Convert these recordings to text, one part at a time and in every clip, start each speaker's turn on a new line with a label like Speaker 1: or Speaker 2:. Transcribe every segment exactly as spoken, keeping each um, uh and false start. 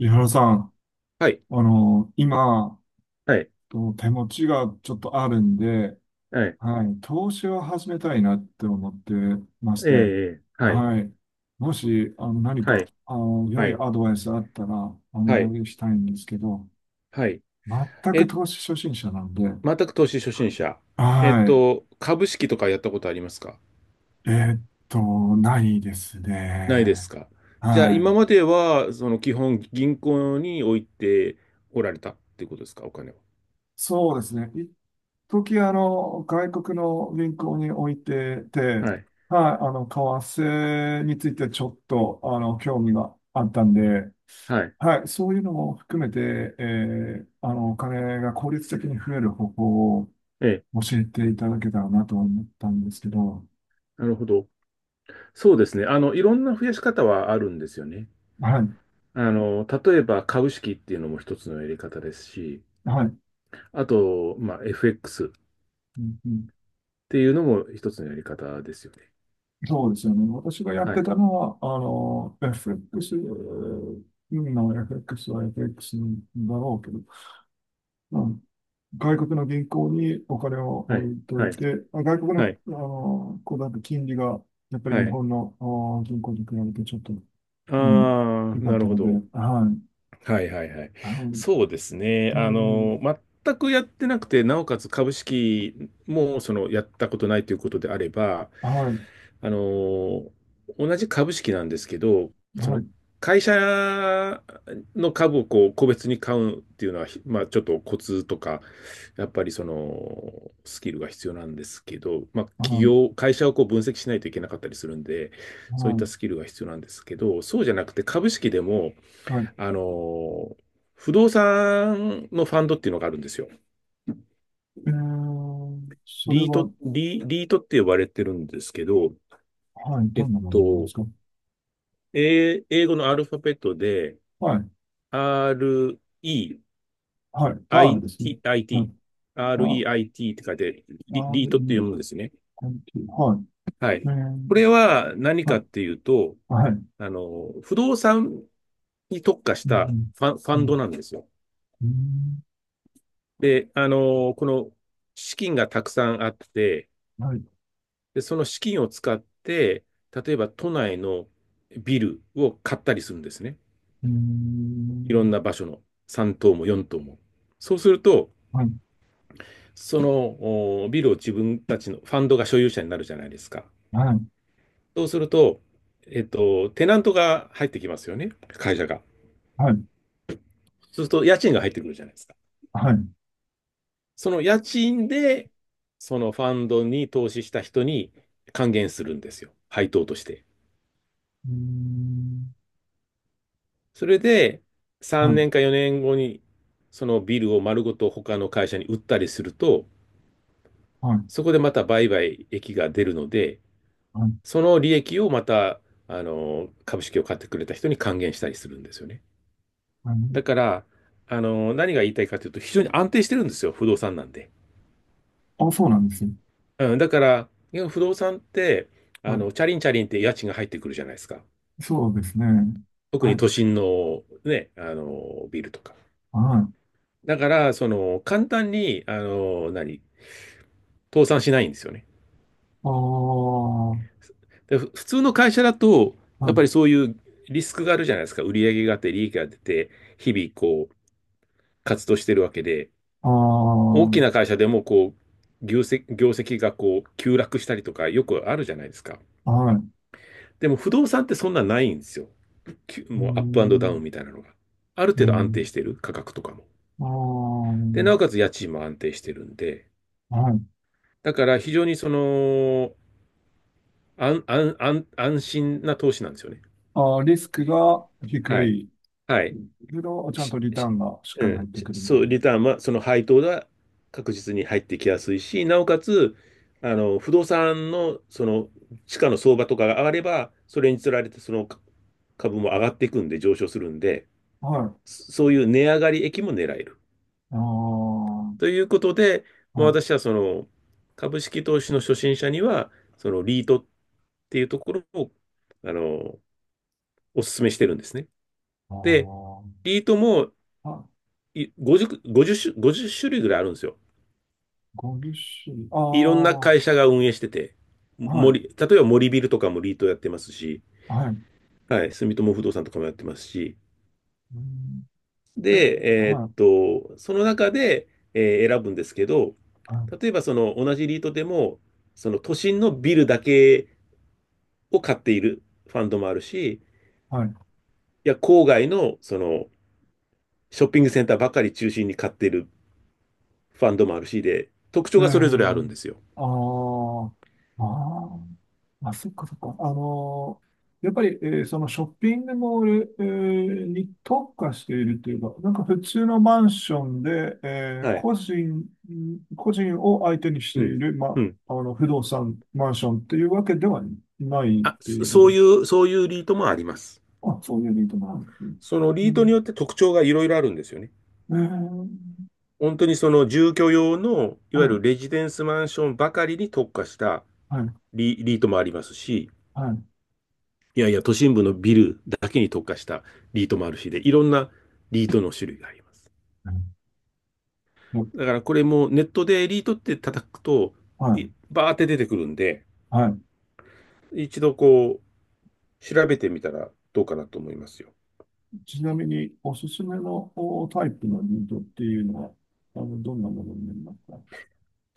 Speaker 1: 井原さん、
Speaker 2: はい、
Speaker 1: あの、今、
Speaker 2: はい、
Speaker 1: と手持ちがちょっとあるんで、
Speaker 2: はい、
Speaker 1: はい、投資を始めたいなって思ってまして。
Speaker 2: ええ、はい、
Speaker 1: はい、もし、あの、何
Speaker 2: はい、
Speaker 1: か、あの、良
Speaker 2: は
Speaker 1: い
Speaker 2: い、
Speaker 1: アドバイスあったらお
Speaker 2: はい、
Speaker 1: 願いしたいんですけど。
Speaker 2: はい。
Speaker 1: 全く
Speaker 2: え、
Speaker 1: 投資初心者なんで。
Speaker 2: 全く投資初心者。えっ
Speaker 1: は
Speaker 2: と、株式とかやったことありますか？
Speaker 1: い。えーっと、ないです
Speaker 2: ないです
Speaker 1: ね。
Speaker 2: か？じゃあ、
Speaker 1: は
Speaker 2: 今
Speaker 1: い。
Speaker 2: までは、その基本銀行に置いておられたっていうことですか、お金を？
Speaker 1: そうですね。時あの、外国の銀行に置いてて、
Speaker 2: はい、
Speaker 1: はい、あの、為替についてちょっと、あの、興味があったんで、
Speaker 2: はい、
Speaker 1: はい、そういうのも含めて、えーあの、お金が効率的に増える方法を
Speaker 2: ええ、
Speaker 1: 教えていただけたらなと思ったんですけど。
Speaker 2: なるほど。そうですね。あの、いろんな増やし方はあるんですよね。
Speaker 1: は
Speaker 2: あの、例えば株式っていうのも一つのやり方ですし、
Speaker 1: い、はい、
Speaker 2: あと、まあ、エフエックス っ
Speaker 1: うんうん、
Speaker 2: ていうのも一つのやり方ですよね。
Speaker 1: そうですよね。私がやっ
Speaker 2: は
Speaker 1: て
Speaker 2: い。
Speaker 1: たのは、あの、エフエックス の エフエックス は エフエックス だろうけど、外国の銀行にお金を
Speaker 2: は
Speaker 1: 置
Speaker 2: い。
Speaker 1: いと
Speaker 2: はい。
Speaker 1: いて、まあ外国の、
Speaker 2: はい。
Speaker 1: あの、こうだと金利が、やっぱり
Speaker 2: は
Speaker 1: 日
Speaker 2: い。
Speaker 1: 本の、あ銀行に比べてちょっと、うん、
Speaker 2: あ
Speaker 1: 良
Speaker 2: あ、
Speaker 1: か
Speaker 2: な
Speaker 1: っ
Speaker 2: る
Speaker 1: た
Speaker 2: ほ
Speaker 1: ので、
Speaker 2: ど。
Speaker 1: はい。
Speaker 2: はいはいはい。
Speaker 1: あの
Speaker 2: そうですね。
Speaker 1: う
Speaker 2: あ
Speaker 1: ん、
Speaker 2: の、全くやってなくて、なおかつ株式もそのやったことないということであれば、
Speaker 1: はい、
Speaker 2: あの、同じ株式なんですけど、そ
Speaker 1: は
Speaker 2: の
Speaker 1: い、
Speaker 2: 会社の株をこう個別に買うっていうのは、ひまあちょっとコツとか、やっぱりそのスキルが必要なんですけど、まあ
Speaker 1: は
Speaker 2: 企
Speaker 1: い、
Speaker 2: 業、会社をこう分析しないといけなかったりするんで、
Speaker 1: は
Speaker 2: そういった
Speaker 1: い、
Speaker 2: スキルが必要なんですけど、そうじゃなくて株式でも、
Speaker 1: はい。
Speaker 2: あの、不動産のファンドっていうのがあるんですよ。
Speaker 1: えー、それ
Speaker 2: リート、
Speaker 1: は、
Speaker 2: リ、リートって呼ばれてるんですけど、
Speaker 1: はい、
Speaker 2: え
Speaker 1: ど
Speaker 2: っ
Speaker 1: んなものなんで
Speaker 2: と、
Speaker 1: すか？
Speaker 2: えー英語のアルファベットで、
Speaker 1: はい、
Speaker 2: REITIT、
Speaker 1: はい、R ですね。はい、あ
Speaker 2: REIT って書いて、
Speaker 1: r
Speaker 2: リ、リー
Speaker 1: e
Speaker 2: トって読
Speaker 1: t
Speaker 2: むんですね。
Speaker 1: はい。
Speaker 2: は
Speaker 1: え
Speaker 2: い。こ
Speaker 1: ー、
Speaker 2: れは何
Speaker 1: は
Speaker 2: かっ
Speaker 1: い、
Speaker 2: ていうと、
Speaker 1: はい。う
Speaker 2: あの、不動産に特化した
Speaker 1: ん、
Speaker 2: ファン、ファ
Speaker 1: う
Speaker 2: ンド
Speaker 1: ん、
Speaker 2: なんですよ。
Speaker 1: うん、
Speaker 2: で、あの、この資金がたくさんあって、
Speaker 1: はい。
Speaker 2: で、その資金を使って、例えば都内のビルを買ったりするんですね。
Speaker 1: うー
Speaker 2: いろん
Speaker 1: ん。
Speaker 2: な場所のさん棟もよん棟も。そうすると、
Speaker 1: はい、
Speaker 2: そのおビルを自分たちのファンドが所有者になるじゃないですか。
Speaker 1: はい、
Speaker 2: そうすると、えっと、テナントが入ってきますよね、会社が。
Speaker 1: はい、
Speaker 2: そうすると、家賃が入ってくるじゃないですか。
Speaker 1: はい。う
Speaker 2: その家賃で、そのファンドに投資した人に還元するんですよ、配当として。
Speaker 1: ーん。
Speaker 2: それで、
Speaker 1: は
Speaker 2: 3
Speaker 1: い、
Speaker 2: 年かよねんごに、そのビルを丸ごと他の会社に売ったりすると、
Speaker 1: はい、
Speaker 2: そこでまた売買益が出るので、
Speaker 1: はい、
Speaker 2: その利益をまた、あの、株式を買ってくれた人に還元したりするんですよね。
Speaker 1: はい。
Speaker 2: だから、あの、何が言いたいかというと、非常に安定してるんですよ、不動産なんで。
Speaker 1: あ、そうなんですよ。
Speaker 2: うん、だから、いや不動産って、あ
Speaker 1: はい。
Speaker 2: の、チャリンチャリンって家賃が入ってくるじゃないですか。
Speaker 1: そうですね。
Speaker 2: 特
Speaker 1: は
Speaker 2: に
Speaker 1: い、
Speaker 2: 都心のね、あの、ビルとか。
Speaker 1: はい。
Speaker 2: だから、その、簡単に、あの、何、倒産しないんですよね。
Speaker 1: ああ、
Speaker 2: でふ普通の会社だと、
Speaker 1: は
Speaker 2: やっ
Speaker 1: い、
Speaker 2: ぱりそういうリスクがあるじゃないですか。売上があって、利益が出て、日々こう、活動してるわけで、
Speaker 1: ああ、
Speaker 2: 大きな会社でもこう、業績、業績がこう、急落したりとかよくあるじゃないですか。
Speaker 1: はい。う
Speaker 2: でも不動産ってそんなないんですよ。きゅ
Speaker 1: ー
Speaker 2: もうアップアンドダウン
Speaker 1: ん、
Speaker 2: みたいなのが。ある
Speaker 1: う
Speaker 2: 程度安定
Speaker 1: ん。
Speaker 2: してる、価格とかも。
Speaker 1: あ
Speaker 2: で、なおかつ家賃も安定してるんで、
Speaker 1: あ、はい。
Speaker 2: だから非常にその、安、安、安、安心な投資なんですよね。
Speaker 1: ああ、リスクが低
Speaker 2: はい。
Speaker 1: い
Speaker 2: はい。
Speaker 1: けど、ちゃん
Speaker 2: し
Speaker 1: とリター
Speaker 2: し
Speaker 1: ンがしっ
Speaker 2: う
Speaker 1: かり入
Speaker 2: ん、
Speaker 1: って
Speaker 2: し
Speaker 1: くるみ
Speaker 2: そ
Speaker 1: たい
Speaker 2: う、
Speaker 1: な。
Speaker 2: リターンは、その配当が確実に入ってきやすいし、なおかつ、あの、不動産の、その、地価の相場とかが上がれば、それにつられて、その株も上がっていくんで、上昇するんで、
Speaker 1: はい。
Speaker 2: そそういう値上がり益も狙える。
Speaker 1: ああ、
Speaker 2: ということで、まあ、
Speaker 1: はい。
Speaker 2: 私はその、株式投資の初心者には、その、リートっていうところを、あの、お勧めしてるんですね。
Speaker 1: ああ、
Speaker 2: で、
Speaker 1: は
Speaker 2: リートも
Speaker 1: い。
Speaker 2: いごじゅう、ごじゅう種、ごじゅう種類ぐらいあるんですよ。
Speaker 1: ごじゅう周あ
Speaker 2: いろんな
Speaker 1: あ、
Speaker 2: 会社が運営してて、
Speaker 1: はい、
Speaker 2: 森、例えば森ビルとかもリートやってますし、
Speaker 1: はい。
Speaker 2: はい、住友不動産とかもやってますし、
Speaker 1: うん、え、
Speaker 2: で、えーっ
Speaker 1: はい、
Speaker 2: と、その中で、えー選ぶんですけど、
Speaker 1: はい、
Speaker 2: 例えばその同じリートでも、その都心のビルだけを買っているファンドもあるし、
Speaker 1: はい。
Speaker 2: いや、郊外のそのショッピングセンターばかり中心に買っているファンドもあるしで、特
Speaker 1: え
Speaker 2: 徴がそれぞれある
Speaker 1: ー、
Speaker 2: んですよ。
Speaker 1: あーあー、あ、そっかそっか。あのーやっぱり、えーそのショッピングモール、えーに特化しているというか、なんか普通のマンションで、えー
Speaker 2: はい。
Speaker 1: 個人、個人を相手にして
Speaker 2: う
Speaker 1: い
Speaker 2: ん。
Speaker 1: る、ま、
Speaker 2: うん。
Speaker 1: あの、不動産、マンションっていうわけではないっ
Speaker 2: あ、
Speaker 1: てい
Speaker 2: そ
Speaker 1: うこ
Speaker 2: そう
Speaker 1: とで
Speaker 2: い
Speaker 1: す。
Speaker 2: う、そういうリートもあります。
Speaker 1: あ、そういう理由なんですね。
Speaker 2: そのリ
Speaker 1: う
Speaker 2: ートに
Speaker 1: ん
Speaker 2: よって特徴がいろいろあるんですよね。
Speaker 1: えー
Speaker 2: 本当にその住居用の、い
Speaker 1: は
Speaker 2: わゆ
Speaker 1: い、
Speaker 2: るレジデンスマンションばかりに特化した
Speaker 1: はい、
Speaker 2: リ、リートもありますし、
Speaker 1: はい。
Speaker 2: いやいや、都心部のビルだけに特化したリートもあるしで、いろんなリートの種類があります。
Speaker 1: うん、
Speaker 2: だからこれもネットでリートって叩くと、
Speaker 1: はい、
Speaker 2: バーって出てくるんで、
Speaker 1: はい。
Speaker 2: 一度こう、調べてみたらどうかなと思いますよ。
Speaker 1: ちなみに、おすすめのおタイプのニートっていうのは、あの、どんなものになりますか？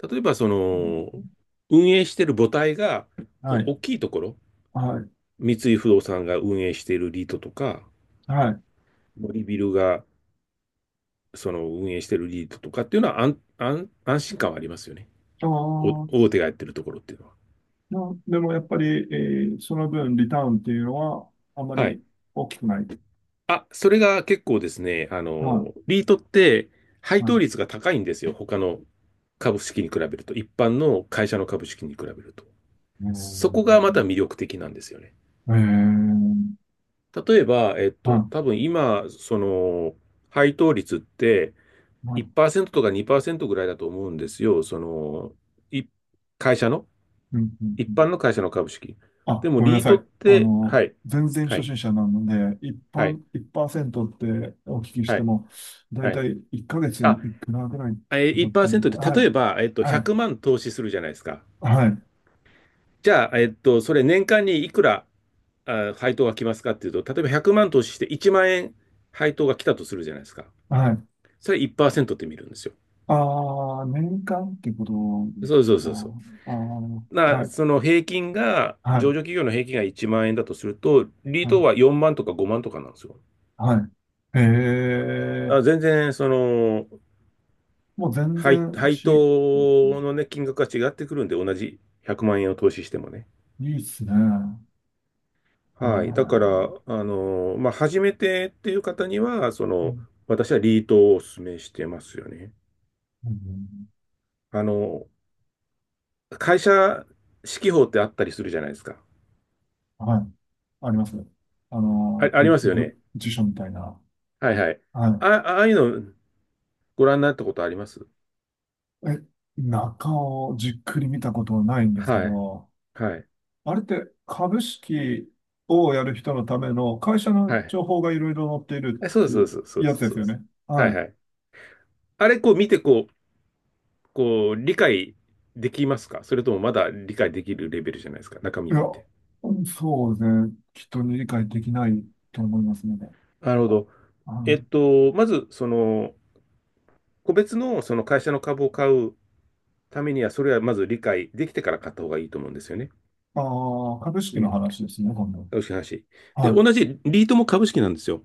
Speaker 2: 例えば、そ
Speaker 1: う
Speaker 2: の、
Speaker 1: ん。
Speaker 2: 運営してる母体が
Speaker 1: は
Speaker 2: お
Speaker 1: い、
Speaker 2: 大きいところ、
Speaker 1: はい、
Speaker 2: 三井不動産が運営しているリートとか、
Speaker 1: はい。
Speaker 2: 森ビルがその運営しているリートとかっていうのは安、安、安心感はありますよね。
Speaker 1: あ
Speaker 2: お大
Speaker 1: ー
Speaker 2: 手がやってるところっていうのは。
Speaker 1: まあ、でもやっぱり、えーその分、リターンっていうのは、あま
Speaker 2: はい。
Speaker 1: り大きくない。
Speaker 2: あ、それが結構ですね、あ
Speaker 1: は
Speaker 2: の、リートって
Speaker 1: い、
Speaker 2: 配
Speaker 1: は
Speaker 2: 当率
Speaker 1: い。
Speaker 2: が高いんですよ。他の株式に比べると、一般の会社の株式に比べると。
Speaker 1: え
Speaker 2: そこがまた
Speaker 1: ー、
Speaker 2: 魅力的なんですよね。
Speaker 1: えー、
Speaker 2: 例えば、えっと、
Speaker 1: は
Speaker 2: 多分今、その、配当率って、
Speaker 1: い、はい。
Speaker 2: いちパーセントとかにパーセントぐらいだと思うんですよ。その、い、会社の、
Speaker 1: うん、うん、う
Speaker 2: 一
Speaker 1: ん。
Speaker 2: 般の会社の株式。で
Speaker 1: あ、
Speaker 2: も、
Speaker 1: ごめんな
Speaker 2: リー
Speaker 1: さ
Speaker 2: トっ
Speaker 1: い。あ
Speaker 2: て、は
Speaker 1: の、
Speaker 2: い、
Speaker 1: 全然
Speaker 2: は
Speaker 1: 初
Speaker 2: い、
Speaker 1: 心者なので、一
Speaker 2: はい、
Speaker 1: 般、いちパーセントってお聞きし
Speaker 2: は
Speaker 1: て
Speaker 2: い、
Speaker 1: も、だい
Speaker 2: はい。
Speaker 1: たいいっかげつ
Speaker 2: あ、
Speaker 1: にいくらぐらい
Speaker 2: え
Speaker 1: と
Speaker 2: ー、
Speaker 1: かってい
Speaker 2: いちパーセントっ
Speaker 1: う。
Speaker 2: て、
Speaker 1: は
Speaker 2: 例
Speaker 1: い、
Speaker 2: えば、えっと、
Speaker 1: は
Speaker 2: 100
Speaker 1: い、
Speaker 2: 万投資するじゃないですか。
Speaker 1: はい、
Speaker 2: じゃあ、えっと、それ年間にいくら、あ、配当が来ますかっていうと、例えばひゃくまん投資していちまん円配当が来たとするじゃないですか。
Speaker 1: はい。
Speaker 2: それいちパーセントって見るんですよ。
Speaker 1: ああ、年間ってことで
Speaker 2: そ
Speaker 1: す
Speaker 2: うそう
Speaker 1: か？
Speaker 2: そうそう。
Speaker 1: ああ、
Speaker 2: な、
Speaker 1: はい、
Speaker 2: その平均が、
Speaker 1: は
Speaker 2: 上
Speaker 1: い、
Speaker 2: 場企業の平均がいちまん円だとすると、リー
Speaker 1: は
Speaker 2: トは
Speaker 1: い、
Speaker 2: よんまんとかごまんとかなんですよ。
Speaker 1: はい。へえ、
Speaker 2: あ、全然、その、
Speaker 1: もう全
Speaker 2: 配、
Speaker 1: 然
Speaker 2: 配
Speaker 1: ち、
Speaker 2: 当のね、金額が違ってくるんで、同じひゃくまん円を投資してもね。
Speaker 1: いいっすね。え
Speaker 2: はい。だから、
Speaker 1: ー
Speaker 2: あの、まあ、初めてっていう方には、その、私はリートをお勧めしてますよね。
Speaker 1: うん
Speaker 2: あの、会社指揮法ってあったりするじゃないですか。
Speaker 1: はい。ありますね。あ
Speaker 2: あ、
Speaker 1: の、
Speaker 2: あ
Speaker 1: ぶ、
Speaker 2: りますよ
Speaker 1: ぶ、
Speaker 2: ね。
Speaker 1: 辞書みたいな。
Speaker 2: はいはい。
Speaker 1: は
Speaker 2: あ、ああいうのご覧になったことあります？
Speaker 1: い。え、中をじっくり見たことはないんですけ
Speaker 2: はい。
Speaker 1: ど、
Speaker 2: はい。
Speaker 1: あれって株式をやる人のための会社の
Speaker 2: はい。
Speaker 1: 情報がいろいろ載っている
Speaker 2: え、そう
Speaker 1: っ
Speaker 2: です、そうで
Speaker 1: て
Speaker 2: す、そうで
Speaker 1: やつ
Speaker 2: す、
Speaker 1: で
Speaker 2: そう
Speaker 1: す
Speaker 2: で
Speaker 1: よ
Speaker 2: す。
Speaker 1: ね。
Speaker 2: は
Speaker 1: は
Speaker 2: いは
Speaker 1: い。
Speaker 2: い。あれ、こう見て、こう、こう、理解できますか？それともまだ理解できるレベルじゃないですか、中
Speaker 1: い
Speaker 2: 身を
Speaker 1: や、
Speaker 2: 見て。
Speaker 1: そうですね。きっと理解できないと思いますので。
Speaker 2: なるほど。
Speaker 1: は
Speaker 2: えっ
Speaker 1: い、
Speaker 2: と、まず、その、個別のその会社の株を買うためには、それはまず理解できてから買った方がいいと思うんですよね。
Speaker 1: ああ、株式
Speaker 2: う
Speaker 1: の
Speaker 2: ん。
Speaker 1: 話ですね、今度。
Speaker 2: 投資話。で、
Speaker 1: はい。
Speaker 2: 同じリートも株式なんですよ。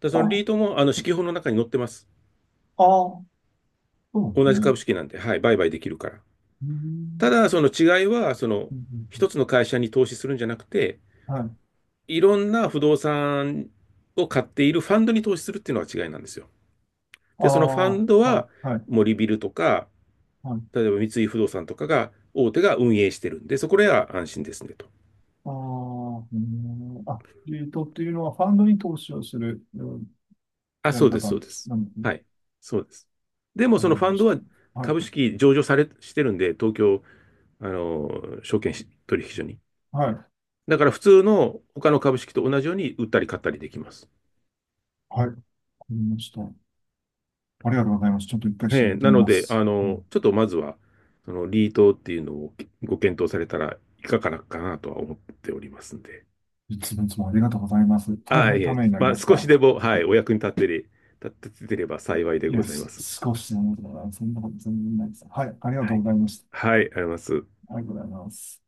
Speaker 2: で、その
Speaker 1: あ、
Speaker 2: リートも、あの、四季報の中に載ってます。
Speaker 1: ああ、そうです
Speaker 2: 同じ
Speaker 1: ね。
Speaker 2: 株式なんで、はい、売買できるから。
Speaker 1: うー
Speaker 2: た
Speaker 1: ん
Speaker 2: だ、その違いは、その、
Speaker 1: うんう
Speaker 2: 一
Speaker 1: ん
Speaker 2: つの会社に投資するんじゃなくて、
Speaker 1: うんはい。
Speaker 2: いろんな不動産を買っているファンドに投資するっていうのは違いなんですよ。
Speaker 1: あ
Speaker 2: で、そのファ
Speaker 1: あ、
Speaker 2: ンド
Speaker 1: はい、
Speaker 2: は、
Speaker 1: はい、
Speaker 2: 森ビルとか、
Speaker 1: はい。
Speaker 2: 例えば三井不動産とかが、大手が運営してるんで、そこらは安心ですねと。
Speaker 1: ああ、うん、あ、リートっていうのはファンドに投資をするうん
Speaker 2: あ、
Speaker 1: や
Speaker 2: そ
Speaker 1: り
Speaker 2: うです、
Speaker 1: 方
Speaker 2: そうです。
Speaker 1: なんですね。
Speaker 2: はい、そうです。で
Speaker 1: わ
Speaker 2: も、
Speaker 1: か
Speaker 2: その
Speaker 1: り
Speaker 2: ファ
Speaker 1: ま
Speaker 2: ンド
Speaker 1: した。
Speaker 2: は
Speaker 1: はい、
Speaker 2: 株式上場され、してるんで、東京、あの、証券取引所に。
Speaker 1: はい、
Speaker 2: だから普通の他の株式と同じように売ったり買ったりできます。
Speaker 1: はい、わかりました。ありがとうございます。ちょっと一回調
Speaker 2: ええ、
Speaker 1: べて
Speaker 2: な
Speaker 1: み
Speaker 2: の
Speaker 1: ま
Speaker 2: で、
Speaker 1: す。
Speaker 2: あ
Speaker 1: う
Speaker 2: の、
Speaker 1: ん、
Speaker 2: ちょっとまずは、その、リートっていうのをご検討されたらいかがかなとは思っておりますんで。
Speaker 1: いつもいつもありがとうございます。
Speaker 2: あ
Speaker 1: 大
Speaker 2: あ、
Speaker 1: 変
Speaker 2: い
Speaker 1: た
Speaker 2: え、
Speaker 1: めになり
Speaker 2: まあ、
Speaker 1: まし
Speaker 2: 少し
Speaker 1: た。
Speaker 2: でも、はい、お役に立ってれ、立ててれば幸いで
Speaker 1: い
Speaker 2: ご
Speaker 1: や、
Speaker 2: ざいま
Speaker 1: す
Speaker 2: す。
Speaker 1: 少しでも、そんなこと全然ないです。はい、ありが
Speaker 2: は
Speaker 1: とう
Speaker 2: い。
Speaker 1: ございました。
Speaker 2: はい、あります。
Speaker 1: ありがとうございます。